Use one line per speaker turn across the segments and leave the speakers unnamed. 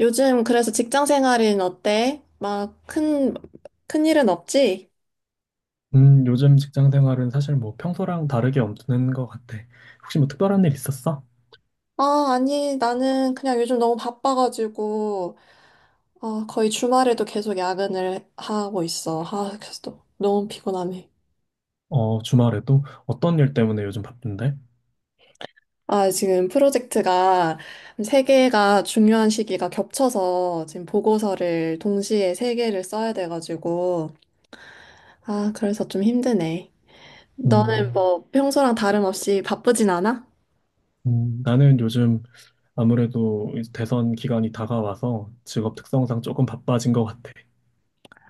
요즘 그래서 직장 생활은 어때? 막 큰 일은 없지?
요즘 직장 생활은 사실 뭐 평소랑 다르게 없는 것 같아. 혹시 뭐 특별한 일 있었어?
아, 아니, 나는 그냥 요즘 너무 바빠가지고, 아, 거의 주말에도 계속 야근을 하고 있어. 아, 그래서 또 너무 피곤하네.
어, 주말에도? 어떤 일 때문에 요즘 바쁜데?
아, 지금 프로젝트가 세 개가 중요한 시기가 겹쳐서 지금 보고서를 동시에 세 개를 써야 돼가지고, 아, 그래서 좀 힘드네. 너는
음,
뭐 평소랑 다름없이 바쁘진 않아?
나는 요즘 아무래도 이제 대선 기간이 다가와서 직업 특성상 조금 바빠진 것 같아.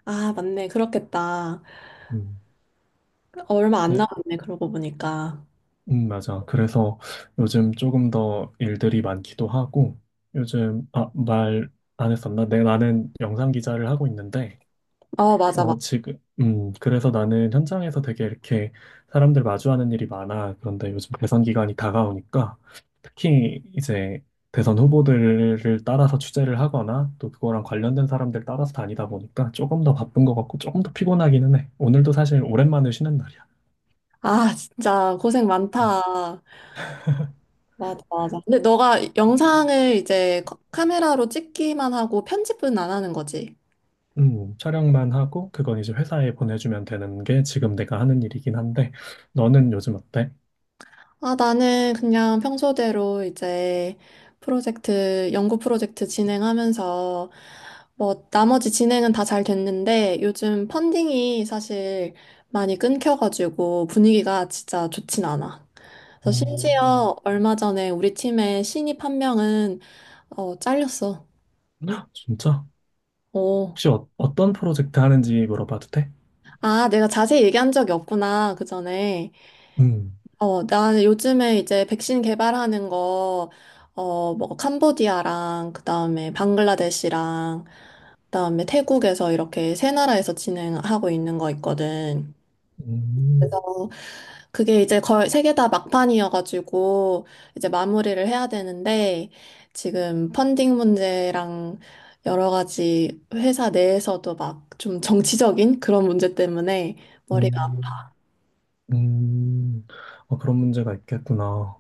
아, 맞네. 그렇겠다.
음,
어, 얼마 안
네,
남았네, 그러고 보니까.
맞아. 그래서 요즘 조금 더 일들이 많기도 하고, 요즘, 말 안 했었나? 내 나는 영상 기자를 하고 있는데,
어, 맞아, 맞아.
지금, 그래서 나는 현장에서 되게 이렇게 사람들 마주하는 일이 많아. 그런데 요즘 대선 기간이 다가오니까 특히 이제 대선 후보들을 따라서 취재를 하거나 또 그거랑 관련된 사람들 따라서 다니다 보니까 조금 더 바쁜 것 같고 조금 더 피곤하기는 해. 오늘도 사실 오랜만에 쉬는 날이야.
아, 진짜 고생 많다. 맞아, 맞아. 근데 너가 영상을 이제 카메라로 찍기만 하고 편집은 안 하는 거지?
촬영만 하고 그건 이제 회사에 보내주면 되는 게 지금 내가 하는 일이긴 한데 너는 요즘 어때?
아, 나는 그냥 평소대로 이제 프로젝트, 연구 프로젝트 진행하면서 뭐 나머지 진행은 다 잘 됐는데 요즘 펀딩이 사실 많이 끊겨가지고 분위기가 진짜 좋진 않아. 그래서
음,
심지어 얼마 전에 우리 팀의 신입 한 명은 어, 잘렸어.
헉, 진짜?
오.
혹시 어떤 프로젝트 하는지 물어봐도 돼?
아, 내가 자세히 얘기한 적이 없구나, 그 전에.
음,
어, 나 요즘에 이제 백신 개발하는 거, 어, 뭐, 캄보디아랑, 그 다음에 방글라데시랑, 그 다음에 태국에서 이렇게 세 나라에서 진행하고 있는 거 있거든.
음,
그래서 그게 이제 거의 세 개 다 막판이어가지고 이제 마무리를 해야 되는데 지금 펀딩 문제랑 여러 가지 회사 내에서도 막 좀 정치적인 그런 문제 때문에 머리가 아파.
음, 음. 어, 그런 문제가 있겠구나.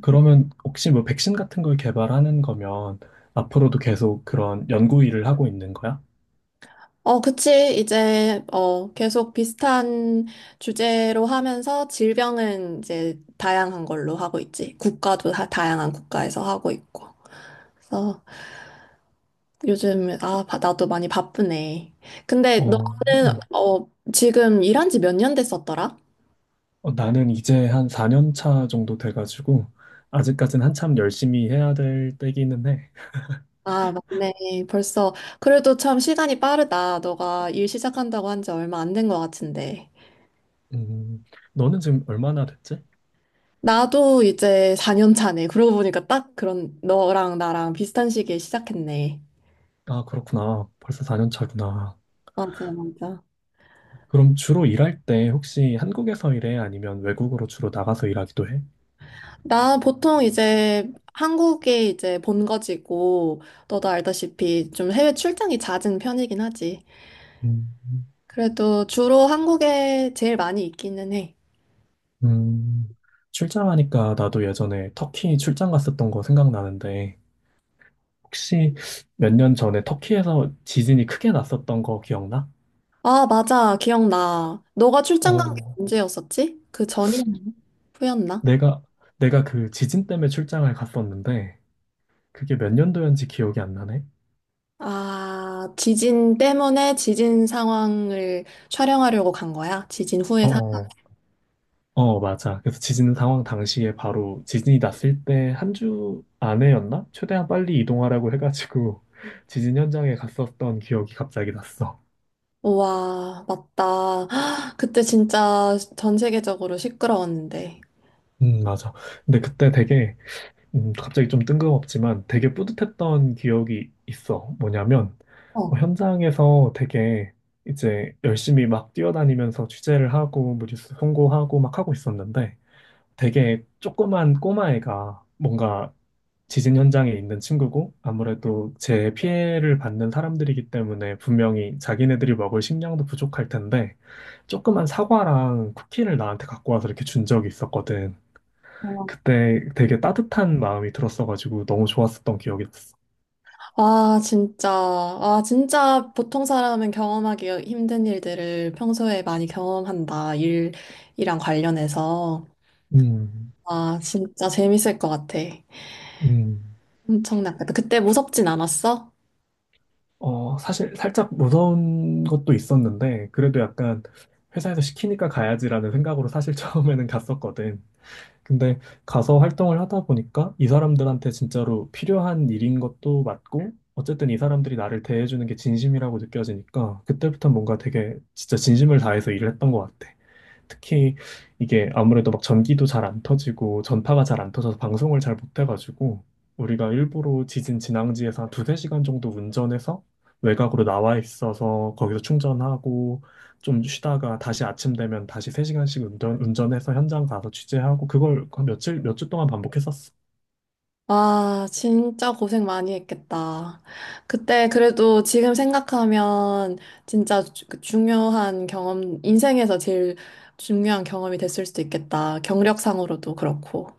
그러면 혹시 뭐 백신 같은 걸 개발하는 거면 앞으로도 계속 그런 연구 일을 하고 있는 거야?
어, 그치. 이제 어, 계속 비슷한 주제로 하면서 질병은 이제 다양한 걸로 하고 있지. 국가도 다 다양한 국가에서 하고 있고. 그래서 요즘, 아, 나도 많이 바쁘네. 근데
어,
너는,
음.
어, 지금 일한 지 몇 년 됐었더라?
나는 이제 한 4년 차 정도 돼가지고 아직까진 한참 열심히 해야 될 때기는 해.
아, 맞네. 벌써, 그래도 참 시간이 빠르다. 너가 일 시작한다고 한지 얼마 안 된 것 같은데.
음, 너는 지금 얼마나 됐지?
나도 이제 4년 차네. 그러고 보니까 딱 그런, 너랑 나랑 비슷한 시기에 시작했네.
아, 그렇구나. 벌써 4년 차구나.
맞아, 맞아.
그럼 주로 일할 때 혹시 한국에서 일해? 아니면 외국으로 주로 나가서 일하기도 해?
나 보통 이제 한국에 이제 본거지고, 너도 알다시피 좀 해외 출장이 잦은 편이긴 하지.
음,
그래도 주로 한국에 제일 많이 있기는 해.
음, 출장하니까 나도 예전에 터키 출장 갔었던 거 생각나는데 혹시 몇 년 전에 터키에서 지진이 크게 났었던 거 기억나?
아, 맞아. 기억나. 너가 출장 간 게
어,
언제였었지? 그 전이었나? 후였나?
내가 내가 그 지진 때문에 출장을 갔었는데 그게 몇 년도였는지 기억이 안 나네.
아, 지진 때문에 지진 상황을 촬영하려고 간 거야? 지진 후의
어,
상황?
어, 어, 맞아. 그래서 지진 상황 당시에 바로 지진이 났을 때 한 주 안에였나? 최대한 빨리 이동하라고 해가지고 지진 현장에 갔었던 기억이 갑자기 났어.
우와, 맞다. 헉, 그때 진짜 전 세계적으로 시끄러웠는데.
맞아. 근데 그때 되게 갑자기 좀 뜬금없지만 되게 뿌듯했던 기억이 있어. 뭐냐면,
어.
현장에서 되게 이제 열심히 막 뛰어다니면서 취재를 하고, 뭐 뉴스 송고하고 막 하고 있었는데, 되게 조그만 꼬마애가 뭔가 지진 현장에 있는 친구고, 아무래도 제 피해를 받는 사람들이기 때문에 분명히 자기네들이 먹을 식량도 부족할 텐데, 조그만 사과랑 쿠키를 나한테 갖고 와서 이렇게 준 적이 있었거든. 그때 되게 따뜻한 마음이 들었어가지고 너무 좋았었던 기억이 났어.
아, 진짜. 아, 진짜 보통 사람은 경험하기 힘든 일들을 평소에 많이 경험한다. 일이랑 관련해서.
음,
아, 진짜 재밌을 것 같아.
음,
엄청 낫겠다. 그때 무섭진 않았어?
어, 사실 살짝 무서운 것도 있었는데, 그래도 약간 회사에서 시키니까 가야지라는 생각으로 사실 처음에는 갔었거든. 근데 가서 활동을 하다 보니까 이 사람들한테 진짜로 필요한 일인 것도 맞고, 어쨌든 이 사람들이 나를 대해주는 게 진심이라고 느껴지니까, 그때부터 뭔가 되게 진짜 진심을 다해서 일을 했던 것 같아. 특히 이게 아무래도 막 전기도 잘 안 터지고 전파가 잘 안 터져서 방송을 잘 못 해가지고 우리가 일부러 지진 진앙지에서 한 2~3시간 정도 운전해서 외곽으로 나와 있어서 거기서 충전하고 좀 쉬다가 다시 아침 되면 다시 세시간씩 운전해서 현장 가서 취재하고 그걸 한 며칠, 몇 주 동안 반복했었어.
와, 진짜 고생 많이 했겠다. 그때 그래도 지금 생각하면 진짜 그 중요한 경험, 인생에서 제일 중요한 경험이 됐을 수도 있겠다. 경력상으로도 그렇고.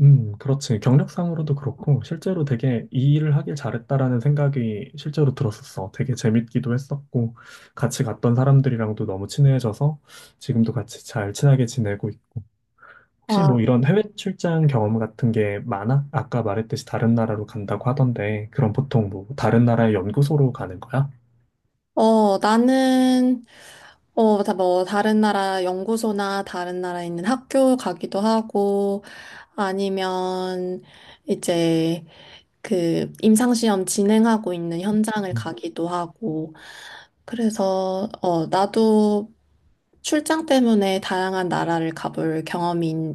그렇지. 경력상으로도 그렇고, 실제로 되게 이 일을 하길 잘했다라는 생각이 실제로 들었었어. 되게 재밌기도 했었고, 같이 갔던 사람들이랑도 너무 친해져서 지금도 같이 잘 친하게 지내고 있고. 혹시
와,
뭐 이런 해외 출장 경험 같은 게 많아? 아까 말했듯이 다른 나라로 간다고 하던데, 그럼 보통 뭐 다른 나라의 연구소로 가는 거야?
어, 나는, 어, 다 뭐, 다른 나라 연구소나 다른 나라에 있는 학교 가기도 하고, 아니면 이제 그 임상시험 진행하고 있는 현장을 가기도 하고, 그래서, 어, 나도 출장 때문에 다양한 나라를 가볼 경험이,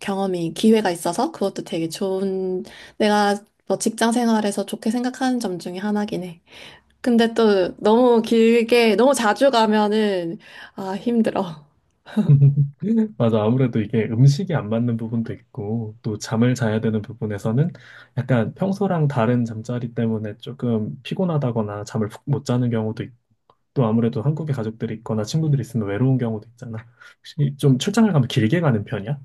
기회가 있어서 그것도 되게 좋은, 내가 뭐 직장 생활에서 좋게 생각하는 점 중에 하나긴 해. 근데 또 너무 길게, 너무 자주 가면은, 아, 힘들어.
맞아. 아무래도 이게 음식이 안 맞는 부분도 있고, 또 잠을 자야 되는 부분에서는 약간 평소랑 다른 잠자리 때문에 조금 피곤하다거나 잠을 푹못 자는 경우도 있고, 아무래도 한국에 가족들이 있거나 친구들이 있으면 외로운 경우도 있잖아. 혹시 좀 출장을 가면 길게 가는 편이야?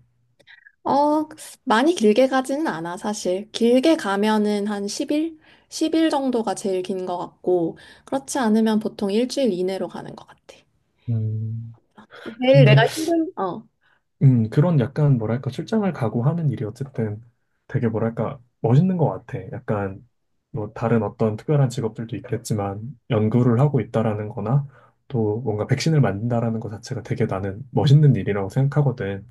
어, 많이 길게 가지는 않아, 사실. 길게 가면은 한 10일? 10일 정도가 제일 긴 것 같고, 그렇지 않으면 보통 일주일 이내로 가는 것 같아.
음,
제일
근데
내가 힘든, 어.
그런 약간 뭐랄까 출장을 가고 하는 일이 어쨌든 되게 뭐랄까 멋있는 것 같아. 약간 뭐 다른 어떤 특별한 직업들도 있겠지만 연구를 하고 있다라는 거나 또 뭔가 백신을 만든다라는 것 자체가 되게 나는 멋있는 일이라고 생각하거든.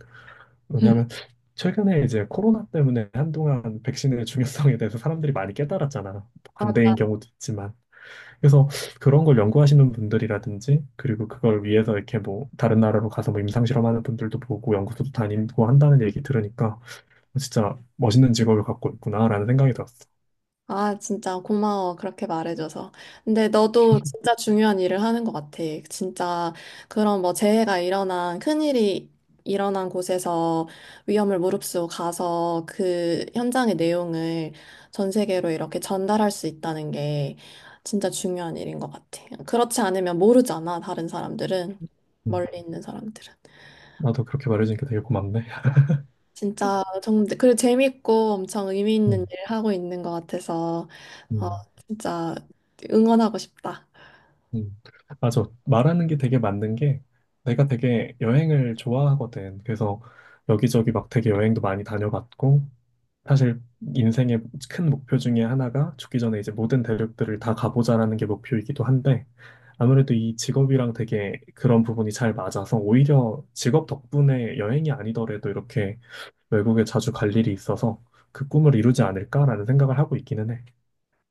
왜냐면 최근에 이제 코로나 때문에 한동안 백신의 중요성에 대해서 사람들이 많이 깨달았잖아. 반대인 경우도 있지만. 그래서 그런 걸 연구하시는 분들이라든지, 그리고 그걸 위해서 이렇게 뭐, 다른 나라로 가서 뭐 임상실험하는 분들도 보고 연구소도 다니고 한다는 얘기 들으니까, 진짜 멋있는 직업을 갖고 있구나라는 생각이 들었어.
아, 진짜 고마워. 그렇게 말해줘서. 근데 너도 진짜 중요한 일을 하는 것 같아. 진짜 그런 뭐 재해가 일어난, 큰일이 일어난 곳에서 위험을 무릅쓰고 가서 그 현장의 내용을 전 세계로 이렇게 전달할 수 있다는 게 진짜 중요한 일인 것 같아. 그렇지 않으면 모르잖아, 다른 사람들은.
음,
멀리 있는 사람들은.
나도 그렇게 말해주니까 되게 고맙네.
진짜 정말 그리고 재밌고 엄청 의미 있는
음,
일을 하고 있는 것 같아서 어,
음,
진짜 응원하고 싶다.
음. 아, 저 말하는 게 되게 맞는 게, 내가 되게 여행을 좋아하거든. 그래서 여기저기 막 되게 여행도 많이 다녀봤고, 사실 인생의 큰 목표 중에 하나가 죽기 전에 이제 모든 대륙들을 다 가보자라는 게 목표이기도 한데 아무래도 이 직업이랑 되게 그런 부분이 잘 맞아서 오히려 직업 덕분에 여행이 아니더라도 이렇게 외국에 자주 갈 일이 있어서 그 꿈을 이루지 않을까라는 생각을 하고 있기는 해.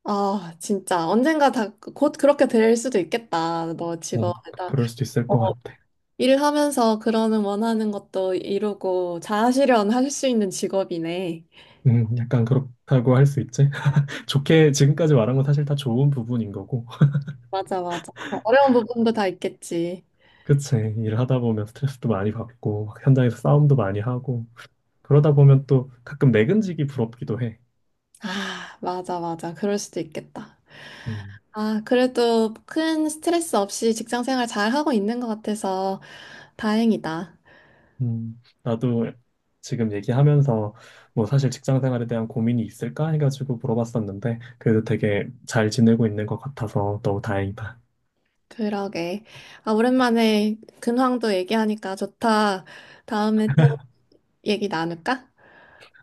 아, 진짜 언젠가 다 곧 그렇게 될 수도 있겠다. 너
어,
직업에다
그럴 수도 있을
어,
것 같아.
일하면서 그러는 원하는 것도 이루고 자아실현 할 수 있는 직업이네.
약간 그렇다고 할 수 있지. 좋게 지금까지 말한 건 사실 다 좋은 부분인 거고.
맞아, 맞아. 어려운 부분도 다 있겠지.
그치. 일하다 보면 스트레스도 많이 받고, 막 현장에서 싸움도 많이 하고, 그러다 보면 또 가끔 내근직이 부럽기도 해.
아, 맞아, 맞아. 그럴 수도 있겠다.
음,
아, 그래도 큰 스트레스 없이 직장 생활 잘 하고 있는 것 같아서 다행이다.
나도 지금 얘기하면서 뭐 사실 직장 생활에 대한 고민이 있을까 해가지고 물어봤었는데 그래도 되게 잘 지내고 있는 것 같아서 너무 다행이다.
그러게. 아, 오랜만에 근황도 얘기하니까 좋다. 다음에 또 얘기 나눌까?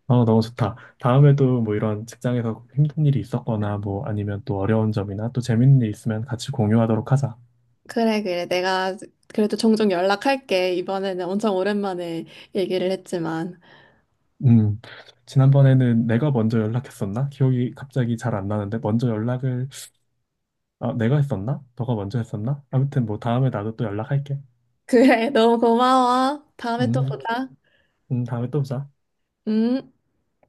어, 너무 좋다. 다음에도 뭐 이런 직장에서 힘든 일이 있었거나 뭐 아니면 또 어려운 점이나 또 재밌는 일 있으면 같이 공유하도록 하자.
그래, 그래. 내가 그래도 종종 연락할게. 이번에는 엄청 오랜만에 얘기를 했지만.
음, 지난번에는 내가 먼저 연락했었나? 기억이 갑자기 잘 안 나는데 먼저 연락을 아, 내가 했었나? 너가 먼저 했었나? 아무튼 뭐 다음에 나도 또 연락할게.
그래, 너무 고마워. 다음에 또
음,
보자.
다음에 또 보자.
응?